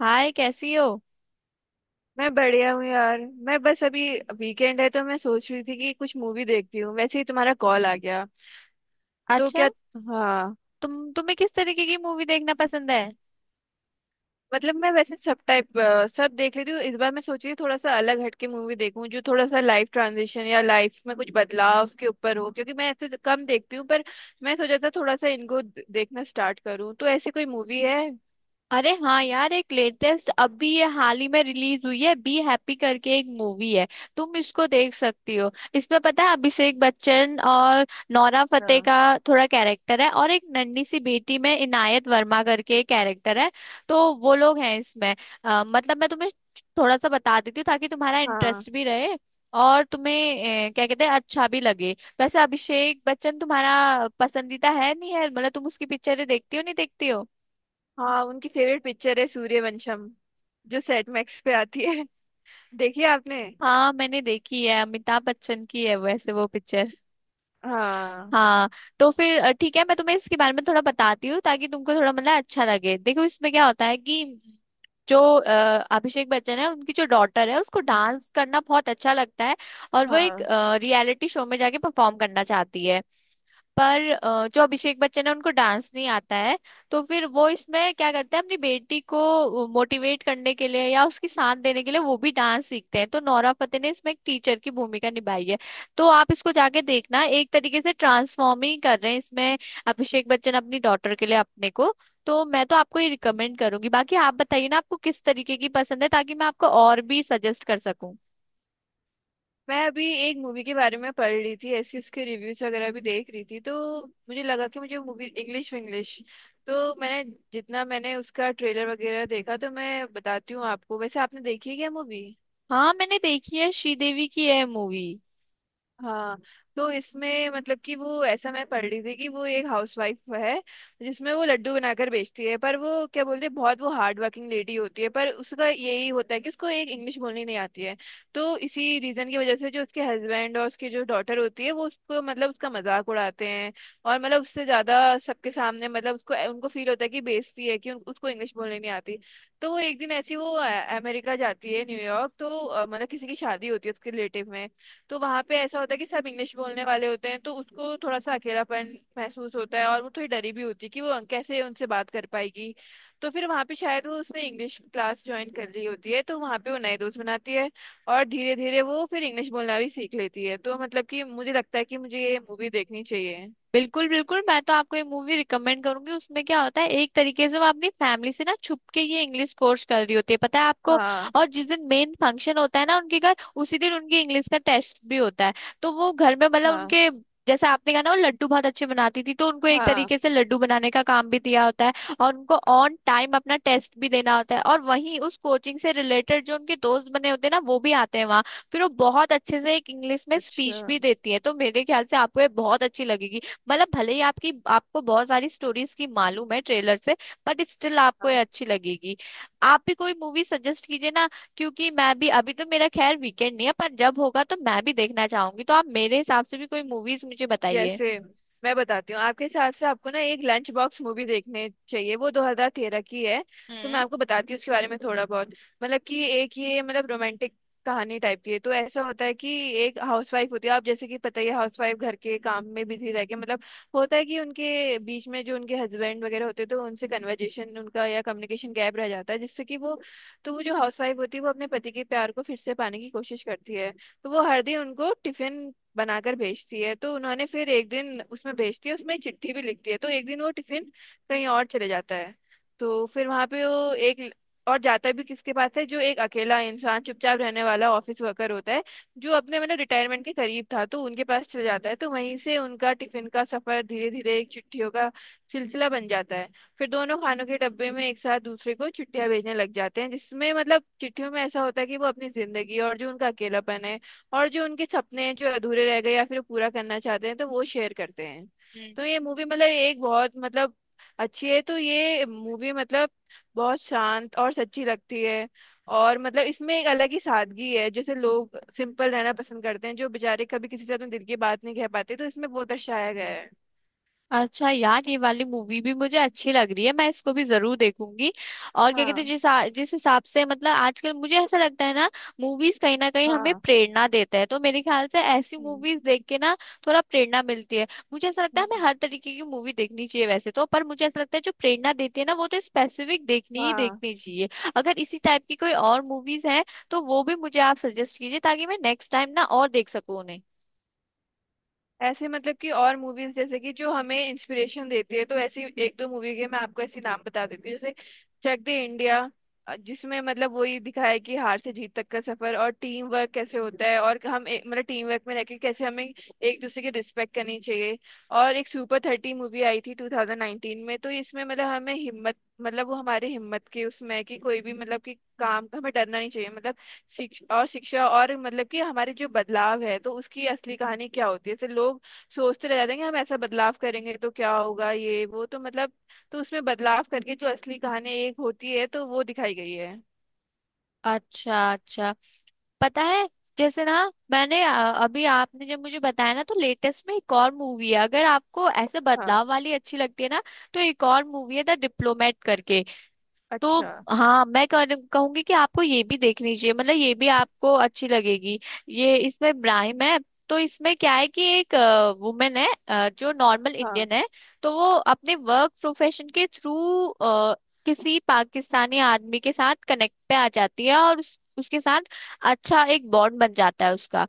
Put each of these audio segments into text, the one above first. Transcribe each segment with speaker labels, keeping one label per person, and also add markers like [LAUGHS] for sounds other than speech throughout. Speaker 1: हाय, कैसी हो।
Speaker 2: मैं बढ़िया हूँ यार। मैं बस अभी वीकेंड है तो मैं सोच रही थी कि कुछ मूवी देखती हूँ, वैसे ही तुम्हारा कॉल आ गया। तो
Speaker 1: अच्छा।
Speaker 2: क्या, हाँ
Speaker 1: तुम्हें किस तरीके की मूवी देखना पसंद है।
Speaker 2: मतलब मैं वैसे सब टाइप सब देख लेती हूँ। इस बार मैं सोच रही हूँ थोड़ा सा अलग हटके मूवी देखूँ जो थोड़ा सा लाइफ ट्रांजिशन या लाइफ में कुछ बदलाव के ऊपर हो, क्योंकि मैं ऐसे कम देखती हूँ। पर मैं सोचा था थोड़ा सा इनको देखना स्टार्ट करूँ, तो ऐसी कोई मूवी है?
Speaker 1: अरे हाँ यार, एक लेटेस्ट अभी ये हाल ही में रिलीज हुई है, बी हैप्पी करके एक मूवी है। तुम इसको देख सकती हो। इसमें पता है अभिषेक बच्चन और नोरा फतेही
Speaker 2: हाँ।
Speaker 1: का थोड़ा कैरेक्टर है, और एक नन्ही सी बेटी में इनायत वर्मा करके कैरेक्टर है। तो वो लोग हैं इसमें। मतलब मैं तुम्हें थोड़ा सा बता देती हूँ ताकि तुम्हारा
Speaker 2: हाँ।
Speaker 1: इंटरेस्ट भी रहे, और तुम्हें क्या कहते हैं अच्छा भी लगे। वैसे अभिषेक बच्चन तुम्हारा पसंदीदा है, नहीं है, मतलब तुम उसकी पिक्चरें देखती हो, नहीं देखती हो।
Speaker 2: हाँ, उनकी फेवरेट पिक्चर है सूर्यवंशम जो सेट मैक्स पे आती है। [LAUGHS] देखिए आपने।
Speaker 1: हाँ मैंने देखी है, अमिताभ बच्चन की है वैसे वो पिक्चर।
Speaker 2: हाँ।
Speaker 1: हाँ। तो फिर ठीक है, मैं तुम्हें इसके बारे में थोड़ा बताती हूँ ताकि तुमको थोड़ा मतलब अच्छा लगे। देखो इसमें क्या होता है कि जो अभिषेक बच्चन है, उनकी जो डॉटर है उसको डांस करना बहुत अच्छा लगता है, और वो एक
Speaker 2: हाँ,
Speaker 1: रियलिटी शो में जाके परफॉर्म करना चाहती है। पर जो अभिषेक बच्चन है उनको डांस नहीं आता है। तो फिर वो इसमें क्या करते हैं, अपनी बेटी को मोटिवेट करने के लिए या उसकी साथ देने के लिए वो भी डांस सीखते हैं। तो नोरा फतेही ने इसमें एक टीचर की भूमिका निभाई है। तो आप इसको जाके देखना, एक तरीके से ट्रांसफॉर्म ही कर रहे हैं इसमें अभिषेक बच्चन अपनी डॉटर के लिए अपने को। तो मैं तो आपको ये रिकमेंड करूंगी, बाकी आप बताइए ना आपको किस तरीके की पसंद है ताकि मैं आपको और भी सजेस्ट कर सकूं।
Speaker 2: मैं अभी एक मूवी के बारे में पढ़ रही थी, ऐसी उसके रिव्यूज वगैरह भी देख रही थी, तो मुझे लगा कि मुझे मूवी इंग्लिश इंग्लिश, तो मैंने, जितना मैंने उसका ट्रेलर वगैरह देखा तो मैं बताती हूँ आपको। वैसे आपने देखी है क्या मूवी?
Speaker 1: हाँ मैंने देखी है, श्रीदेवी की है मूवी।
Speaker 2: हाँ। तो इसमें मतलब कि वो, ऐसा मैं पढ़ रही थी कि वो एक हाउसवाइफ है जिसमें वो लड्डू बनाकर बेचती है, पर वो क्या बोलते हैं, बहुत वो हार्ड वर्किंग लेडी होती है, पर उसका यही होता है कि उसको एक इंग्लिश बोलनी नहीं आती है। तो इसी रीजन की वजह से जो उसके हस्बैंड और उसकी जो डॉटर होती है वो उसको मतलब उसका मजाक उड़ाते हैं, और मतलब उससे ज्यादा सबके सामने मतलब उसको उनको फील होता है कि बेइज्जती है कि उसको इंग्लिश बोलनी नहीं आती। तो वो एक दिन ऐसी वो अमेरिका जाती है न्यूयॉर्क, तो मतलब किसी की शादी होती है उसके रिलेटिव में। तो वहां पे ऐसा होता है कि सब इंग्लिश बोलने वाले होते हैं, तो उसको थोड़ा सा अकेलापन महसूस होता है और वो थोड़ी डरी भी होती है कि वो कैसे उनसे बात कर पाएगी। तो फिर वहां पे शायद वो उसने इंग्लिश क्लास ज्वाइन कर ली होती है, तो वहां पे वो नए दोस्त बनाती है और धीरे धीरे वो फिर इंग्लिश बोलना भी सीख लेती है। तो मतलब कि मुझे लगता है कि मुझे ये मूवी देखनी चाहिए।
Speaker 1: बिल्कुल बिल्कुल, मैं तो आपको ये मूवी रिकमेंड करूंगी। उसमें क्या होता है, एक तरीके से वो अपनी फैमिली से ना छुप के ये इंग्लिश कोर्स कर रही होती है, पता है आपको।
Speaker 2: हाँ।
Speaker 1: और जिस दिन मेन फंक्शन होता है ना उनके घर, उसी दिन उनके इंग्लिश का टेस्ट भी होता है। तो वो घर में मतलब
Speaker 2: हाँ।
Speaker 1: उनके, जैसे आपने कहा ना वो लड्डू बहुत अच्छे बनाती थी, तो उनको एक
Speaker 2: हाँ।
Speaker 1: तरीके से लड्डू बनाने का काम भी दिया होता है, और उनको ऑन टाइम अपना टेस्ट भी देना होता है। और वहीं उस कोचिंग से रिलेटेड जो उनके दोस्त बने होते हैं ना, वो भी आते हैं वहाँ। फिर वो बहुत अच्छे से एक इंग्लिश में
Speaker 2: अच्छा,
Speaker 1: स्पीच भी देती है। तो मेरे ख्याल से आपको ये बहुत अच्छी लगेगी। मतलब भले ही आपकी आपको बहुत सारी स्टोरीज की मालूम है ट्रेलर से, बट स्टिल आपको ये अच्छी लगेगी। आप भी कोई मूवी सजेस्ट कीजिए ना, क्योंकि मैं भी अभी तो, मेरा खैर वीकेंड नहीं है, पर जब होगा तो मैं भी देखना चाहूंगी। तो आप मेरे हिसाब से भी कोई मूवीज मुझे बताइए।
Speaker 2: जैसे, मैं बताती हूँ आपके हिसाब से आपको ना एक लंच बॉक्स मूवी देखने चाहिए, वो 2013 की है। तो मैं आपको बताती हूँ उसके बारे में थोड़ा बहुत। मतलब कि एक ये मतलब रोमांटिक कहानी टाइप की है। तो ऐसा होता है कि एक हाउसवाइफ होती है, आप जैसे कि पता ही है, हाउसवाइफ घर के काम में बिजी रह के मतलब होता है कि उनके बीच में जो उनके हस्बैंड वगैरह होते हैं तो उनसे कन्वर्जेशन उनका या कम्युनिकेशन गैप रह जाता है, जिससे कि वो, तो वो जो हाउसवाइफ होती है वो अपने पति के प्यार को फिर से पाने की कोशिश करती है। तो वो हर दिन उनको टिफिन बनाकर भेजती है, तो उन्होंने फिर एक दिन उसमें भेजती है, उसमें चिट्ठी भी लिखती है। तो एक दिन वो टिफिन कहीं और चले जाता है। तो फिर वहां पे वो एक और जाता भी किसके पास है, जो एक अकेला इंसान, चुपचाप रहने वाला ऑफिस वर्कर होता है जो अपने मतलब रिटायरमेंट के करीब था, तो उनके पास चले जाता है। तो वहीं से उनका टिफिन का सफर धीरे धीरे एक चिट्ठियों का सिलसिला बन जाता है। फिर दोनों खानों के डब्बे में एक साथ दूसरे को चिट्ठियां भेजने लग जाते हैं, जिसमें मतलब चिट्ठियों में ऐसा होता है कि वो अपनी जिंदगी और जो उनका अकेलापन है और जो उनके सपने हैं जो अधूरे रह गए या फिर वो पूरा करना चाहते हैं, तो वो शेयर करते हैं।
Speaker 1: हम्म।
Speaker 2: तो ये मूवी मतलब एक बहुत मतलब अच्छी है। तो ये मूवी मतलब बहुत शांत और सच्ची लगती है। और मतलब इसमें एक अलग ही सादगी है, जैसे लोग सिंपल रहना पसंद करते हैं, जो बेचारे कभी किसी से अपने दिल की बात नहीं कह पाते, तो इसमें वो दर्शाया गया है।
Speaker 1: अच्छा यार, ये वाली मूवी भी मुझे अच्छी लग रही है, मैं इसको भी जरूर देखूंगी। और क्या कहते हैं,
Speaker 2: हाँ।
Speaker 1: जिस हिसाब से मतलब, आजकल मुझे ऐसा लगता है ना, मूवीज कहीं ना कहीं हमें
Speaker 2: हाँ।
Speaker 1: प्रेरणा देता है। तो मेरे ख्याल से ऐसी
Speaker 2: हम्म।
Speaker 1: मूवीज देख के ना थोड़ा प्रेरणा मिलती है। मुझे ऐसा लगता है
Speaker 2: हम्म,
Speaker 1: हमें हर तरीके की मूवी देखनी चाहिए वैसे तो, पर मुझे ऐसा लगता है जो प्रेरणा देती है ना, वो तो स्पेसिफिक देखनी ही
Speaker 2: हाँ,
Speaker 1: देखनी चाहिए। अगर इसी टाइप की कोई और मूवीज है तो वो भी मुझे आप सजेस्ट कीजिए, ताकि मैं नेक्स्ट टाइम ना और देख सकूं उन्हें।
Speaker 2: ऐसे मतलब कि और मूवीज जैसे कि जो हमें इंस्पिरेशन देती है, तो ऐसी एक दो मूवी के मैं आपको ऐसे नाम बता देती हूँ, जैसे चक दे इंडिया, जिसमें मतलब वही दिखाया है कि हार से जीत तक का सफर और टीम वर्क कैसे होता है और हम मतलब टीम वर्क में रहकर कैसे हमें एक दूसरे की रिस्पेक्ट करनी चाहिए। और एक सुपर थर्टी मूवी आई थी 2019 में। तो इसमें मतलब हमें हिम्मत, मतलब वो हमारी हिम्मत की उसमें है कि कोई भी मतलब कि काम का हमें डरना नहीं चाहिए। मतलब शिक्ष और शिक्षा और मतलब कि हमारे जो बदलाव है तो उसकी असली कहानी क्या होती है, जैसे लोग सोचते रह जाते हैं कि हम ऐसा बदलाव करेंगे तो क्या होगा, ये वो तो मतलब, तो उसमें बदलाव करके जो असली कहानी एक होती है तो वो दिखाई गई है।
Speaker 1: अच्छा अच्छा। पता है जैसे ना, मैंने अभी आपने जब मुझे बताया ना, तो लेटेस्ट में एक और मूवी है, अगर आपको ऐसे
Speaker 2: हाँ।
Speaker 1: बदलाव वाली अच्छी लगती है ना, तो एक और मूवी है, द डिप्लोमेट करके। तो
Speaker 2: अच्छा।
Speaker 1: हाँ, मैं कहूंगी कि आपको ये भी देखनी चाहिए, मतलब ये भी आपको अच्छी लगेगी। ये इसमें ब्राइम है। तो इसमें क्या है कि एक वुमेन है जो नॉर्मल
Speaker 2: हाँ।
Speaker 1: इंडियन है। तो वो अपने वर्क प्रोफेशन के थ्रू किसी पाकिस्तानी आदमी के साथ कनेक्ट पे आ जाती है, और उसके साथ अच्छा एक बॉन्ड बन जाता है उसका।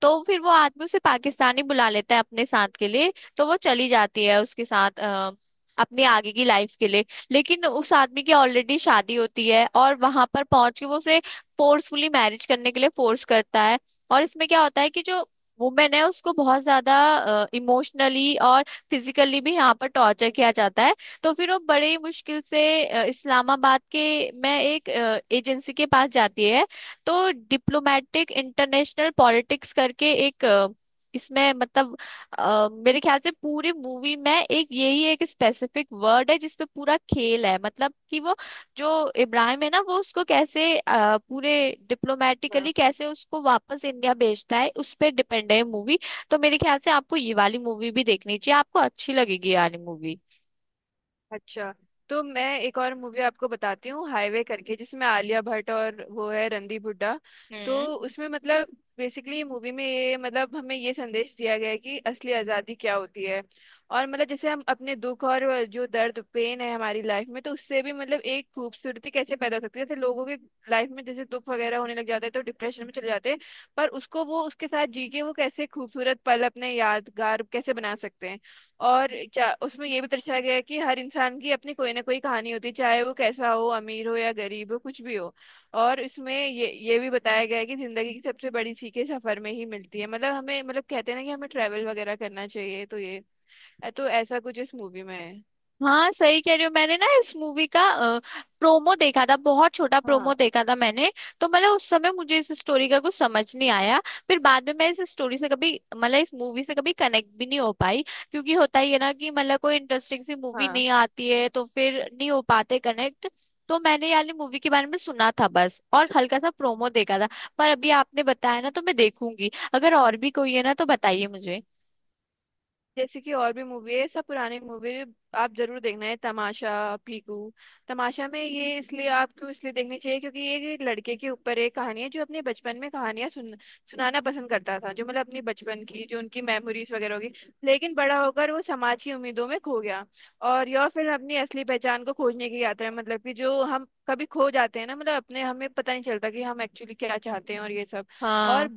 Speaker 1: तो फिर वो आदमी उसे पाकिस्तानी बुला लेता है अपने साथ के लिए, तो वो चली जाती है उसके साथ अपनी आगे की लाइफ के लिए। लेकिन उस आदमी की ऑलरेडी शादी होती है, और वहां पर पहुंच के वो उसे फोर्सफुली मैरिज करने के लिए फोर्स करता है। और इसमें क्या होता है कि जो वुमेन है, उसको बहुत ज्यादा इमोशनली और फिजिकली भी यहाँ पर टॉर्चर किया जाता है। तो फिर वो बड़े ही मुश्किल से इस्लामाबाद के में एक एजेंसी के पास जाती है। तो डिप्लोमेटिक इंटरनेशनल पॉलिटिक्स करके एक इसमें मतलब, मेरे ख्याल से पूरी मूवी में एक यही एक स्पेसिफिक वर्ड है जिसपे पूरा खेल है। मतलब कि वो जो इब्राहिम है ना, वो उसको कैसे पूरे
Speaker 2: हाँ,
Speaker 1: डिप्लोमेटिकली कैसे उसको वापस इंडिया भेजता है, उस पे डिपेंड है मूवी। तो मेरे ख्याल से आपको ये वाली मूवी भी देखनी चाहिए, आपको अच्छी लगेगी ये वाली मूवी।
Speaker 2: अच्छा, तो मैं एक और मूवी आपको बताती हूँ हाईवे करके, जिसमें आलिया भट्ट और वो है रणदीप हुड्डा। तो उसमें मतलब बेसिकली मूवी में ये मतलब हमें ये संदेश दिया गया है कि असली आज़ादी क्या होती है। और मतलब जैसे हम अपने दुख और जो दर्द पेन है हमारी लाइफ में, तो उससे भी मतलब एक खूबसूरती कैसे पैदा हो सकती है, जैसे लोगों के लाइफ में जैसे दुख वगैरह होने लग जाते हैं तो डिप्रेशन में चले जाते हैं, पर उसको वो उसके साथ जी के वो कैसे खूबसूरत पल अपने यादगार कैसे बना सकते हैं। और उसमें ये भी दर्शाया गया है कि हर इंसान की अपनी कोई ना कोई कहानी होती है, चाहे वो कैसा हो, अमीर हो या गरीब हो, कुछ भी हो। और इसमें ये भी बताया गया है कि जिंदगी की सबसे बड़ी सीखें सफर में ही मिलती है, मतलब हमें मतलब कहते हैं ना कि हमें ट्रैवल वगैरह करना चाहिए। तो ये, तो ऐसा कुछ इस मूवी में है।
Speaker 1: हाँ सही कह रही हो, मैंने ना इस मूवी का प्रोमो देखा था, बहुत छोटा प्रोमो
Speaker 2: हाँ।
Speaker 1: देखा था मैंने। तो मतलब उस समय मुझे इस स्टोरी का कुछ समझ नहीं आया। फिर बाद में मैं इस स्टोरी से कभी मतलब इस मूवी से कभी कनेक्ट भी नहीं हो पाई। क्योंकि होता ही है ना कि मतलब कोई इंटरेस्टिंग सी मूवी
Speaker 2: हाँ,
Speaker 1: नहीं आती है तो फिर नहीं हो पाते कनेक्ट। तो मैंने यानी मूवी के बारे में सुना था बस, और हल्का सा प्रोमो देखा था। पर अभी आपने बताया ना तो मैं देखूंगी। अगर और भी कोई है ना तो बताइए मुझे।
Speaker 2: जैसे कि और भी मूवी है, सब पुराने मूवी, आप जरूर देखना है तमाशा, पीकू। तमाशा में ये इसलिए आपको इसलिए देखनी चाहिए क्योंकि ये एक लड़के के ऊपर एक कहानी है जो अपने बचपन में कहानियां सुन सुनाना पसंद करता था, जो मतलब अपने बचपन की जो उनकी मेमोरीज वगैरह होगी, लेकिन बड़ा होकर वो समाज की उम्मीदों में खो गया। और यह फिल्म अपनी असली पहचान को खोजने की यात्रा है, मतलब कि जो हम कभी खो जाते हैं ना, मतलब अपने हमें पता नहीं चलता कि हम एक्चुअली क्या चाहते हैं और ये सब। और
Speaker 1: हाँ,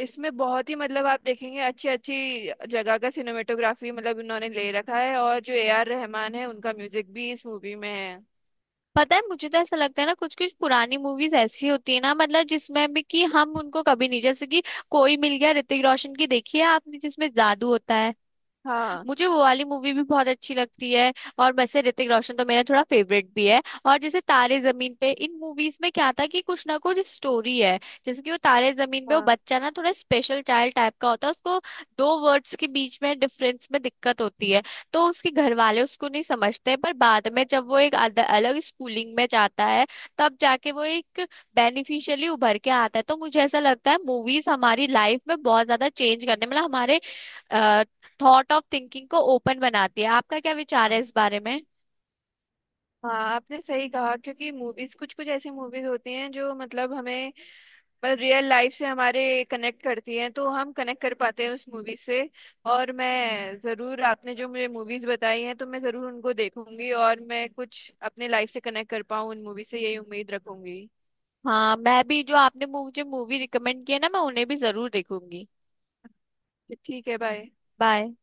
Speaker 2: इसमें बहुत ही मतलब आप देखेंगे अच्छी अच्छी जगह का सिनेमेटोग्राफी मतलब इन्होंने ले रखा है, और जो ए आर रहमान है उनका म्यूजिक भी इस मूवी में है।
Speaker 1: पता है मुझे तो ऐसा लगता है ना, कुछ कुछ पुरानी मूवीज ऐसी होती है ना, मतलब जिसमें भी कि हम उनको कभी नहीं, जैसे कि कोई मिल गया, ऋतिक रोशन की, देखी है आपने, जिसमें जादू होता है।
Speaker 2: हाँ।
Speaker 1: मुझे वो वाली मूवी भी बहुत अच्छी लगती है, और वैसे ऋतिक रोशन तो मेरा थोड़ा फेवरेट भी है। और जैसे तारे जमीन पे, इन मूवीज में क्या था कि कुछ ना कुछ स्टोरी है। जैसे कि वो तारे जमीन पे, वो
Speaker 2: हाँ।
Speaker 1: बच्चा ना थोड़ा स्पेशल चाइल्ड टाइप का होता है, उसको दो वर्ड्स के बीच में डिफरेंस में दिक्कत होती है। तो उसके घर वाले उसको नहीं समझते, पर बाद में जब वो एक अलग स्कूलिंग में जाता है तब जाके वो एक बेनिफिशियली उभर के आता है। तो मुझे ऐसा लगता है मूवीज हमारी लाइफ में बहुत ज्यादा चेंज करने मतलब हमारे थॉट ऑफ थिंकिंग को ओपन बनाती है। आपका क्या विचार है
Speaker 2: हाँ।
Speaker 1: इस बारे में।
Speaker 2: हाँ आपने सही कहा, क्योंकि मूवीज कुछ कुछ ऐसी मूवीज होती हैं जो मतलब हमें, मतलब रियल लाइफ से हमारे कनेक्ट करती हैं तो हम कनेक्ट कर पाते हैं उस मूवी से। और मैं ज़रूर, आपने जो मुझे मूवीज़ बताई हैं तो मैं ज़रूर उनको देखूंगी, और मैं कुछ अपने लाइफ से कनेक्ट कर पाऊँ उन मूवी से यही उम्मीद रखूंगी।
Speaker 1: हाँ मैं भी, जो आपने मुझे मूवी रिकमेंड किया ना, मैं उन्हें भी जरूर देखूंगी।
Speaker 2: ठीक है, बाय।
Speaker 1: बाय।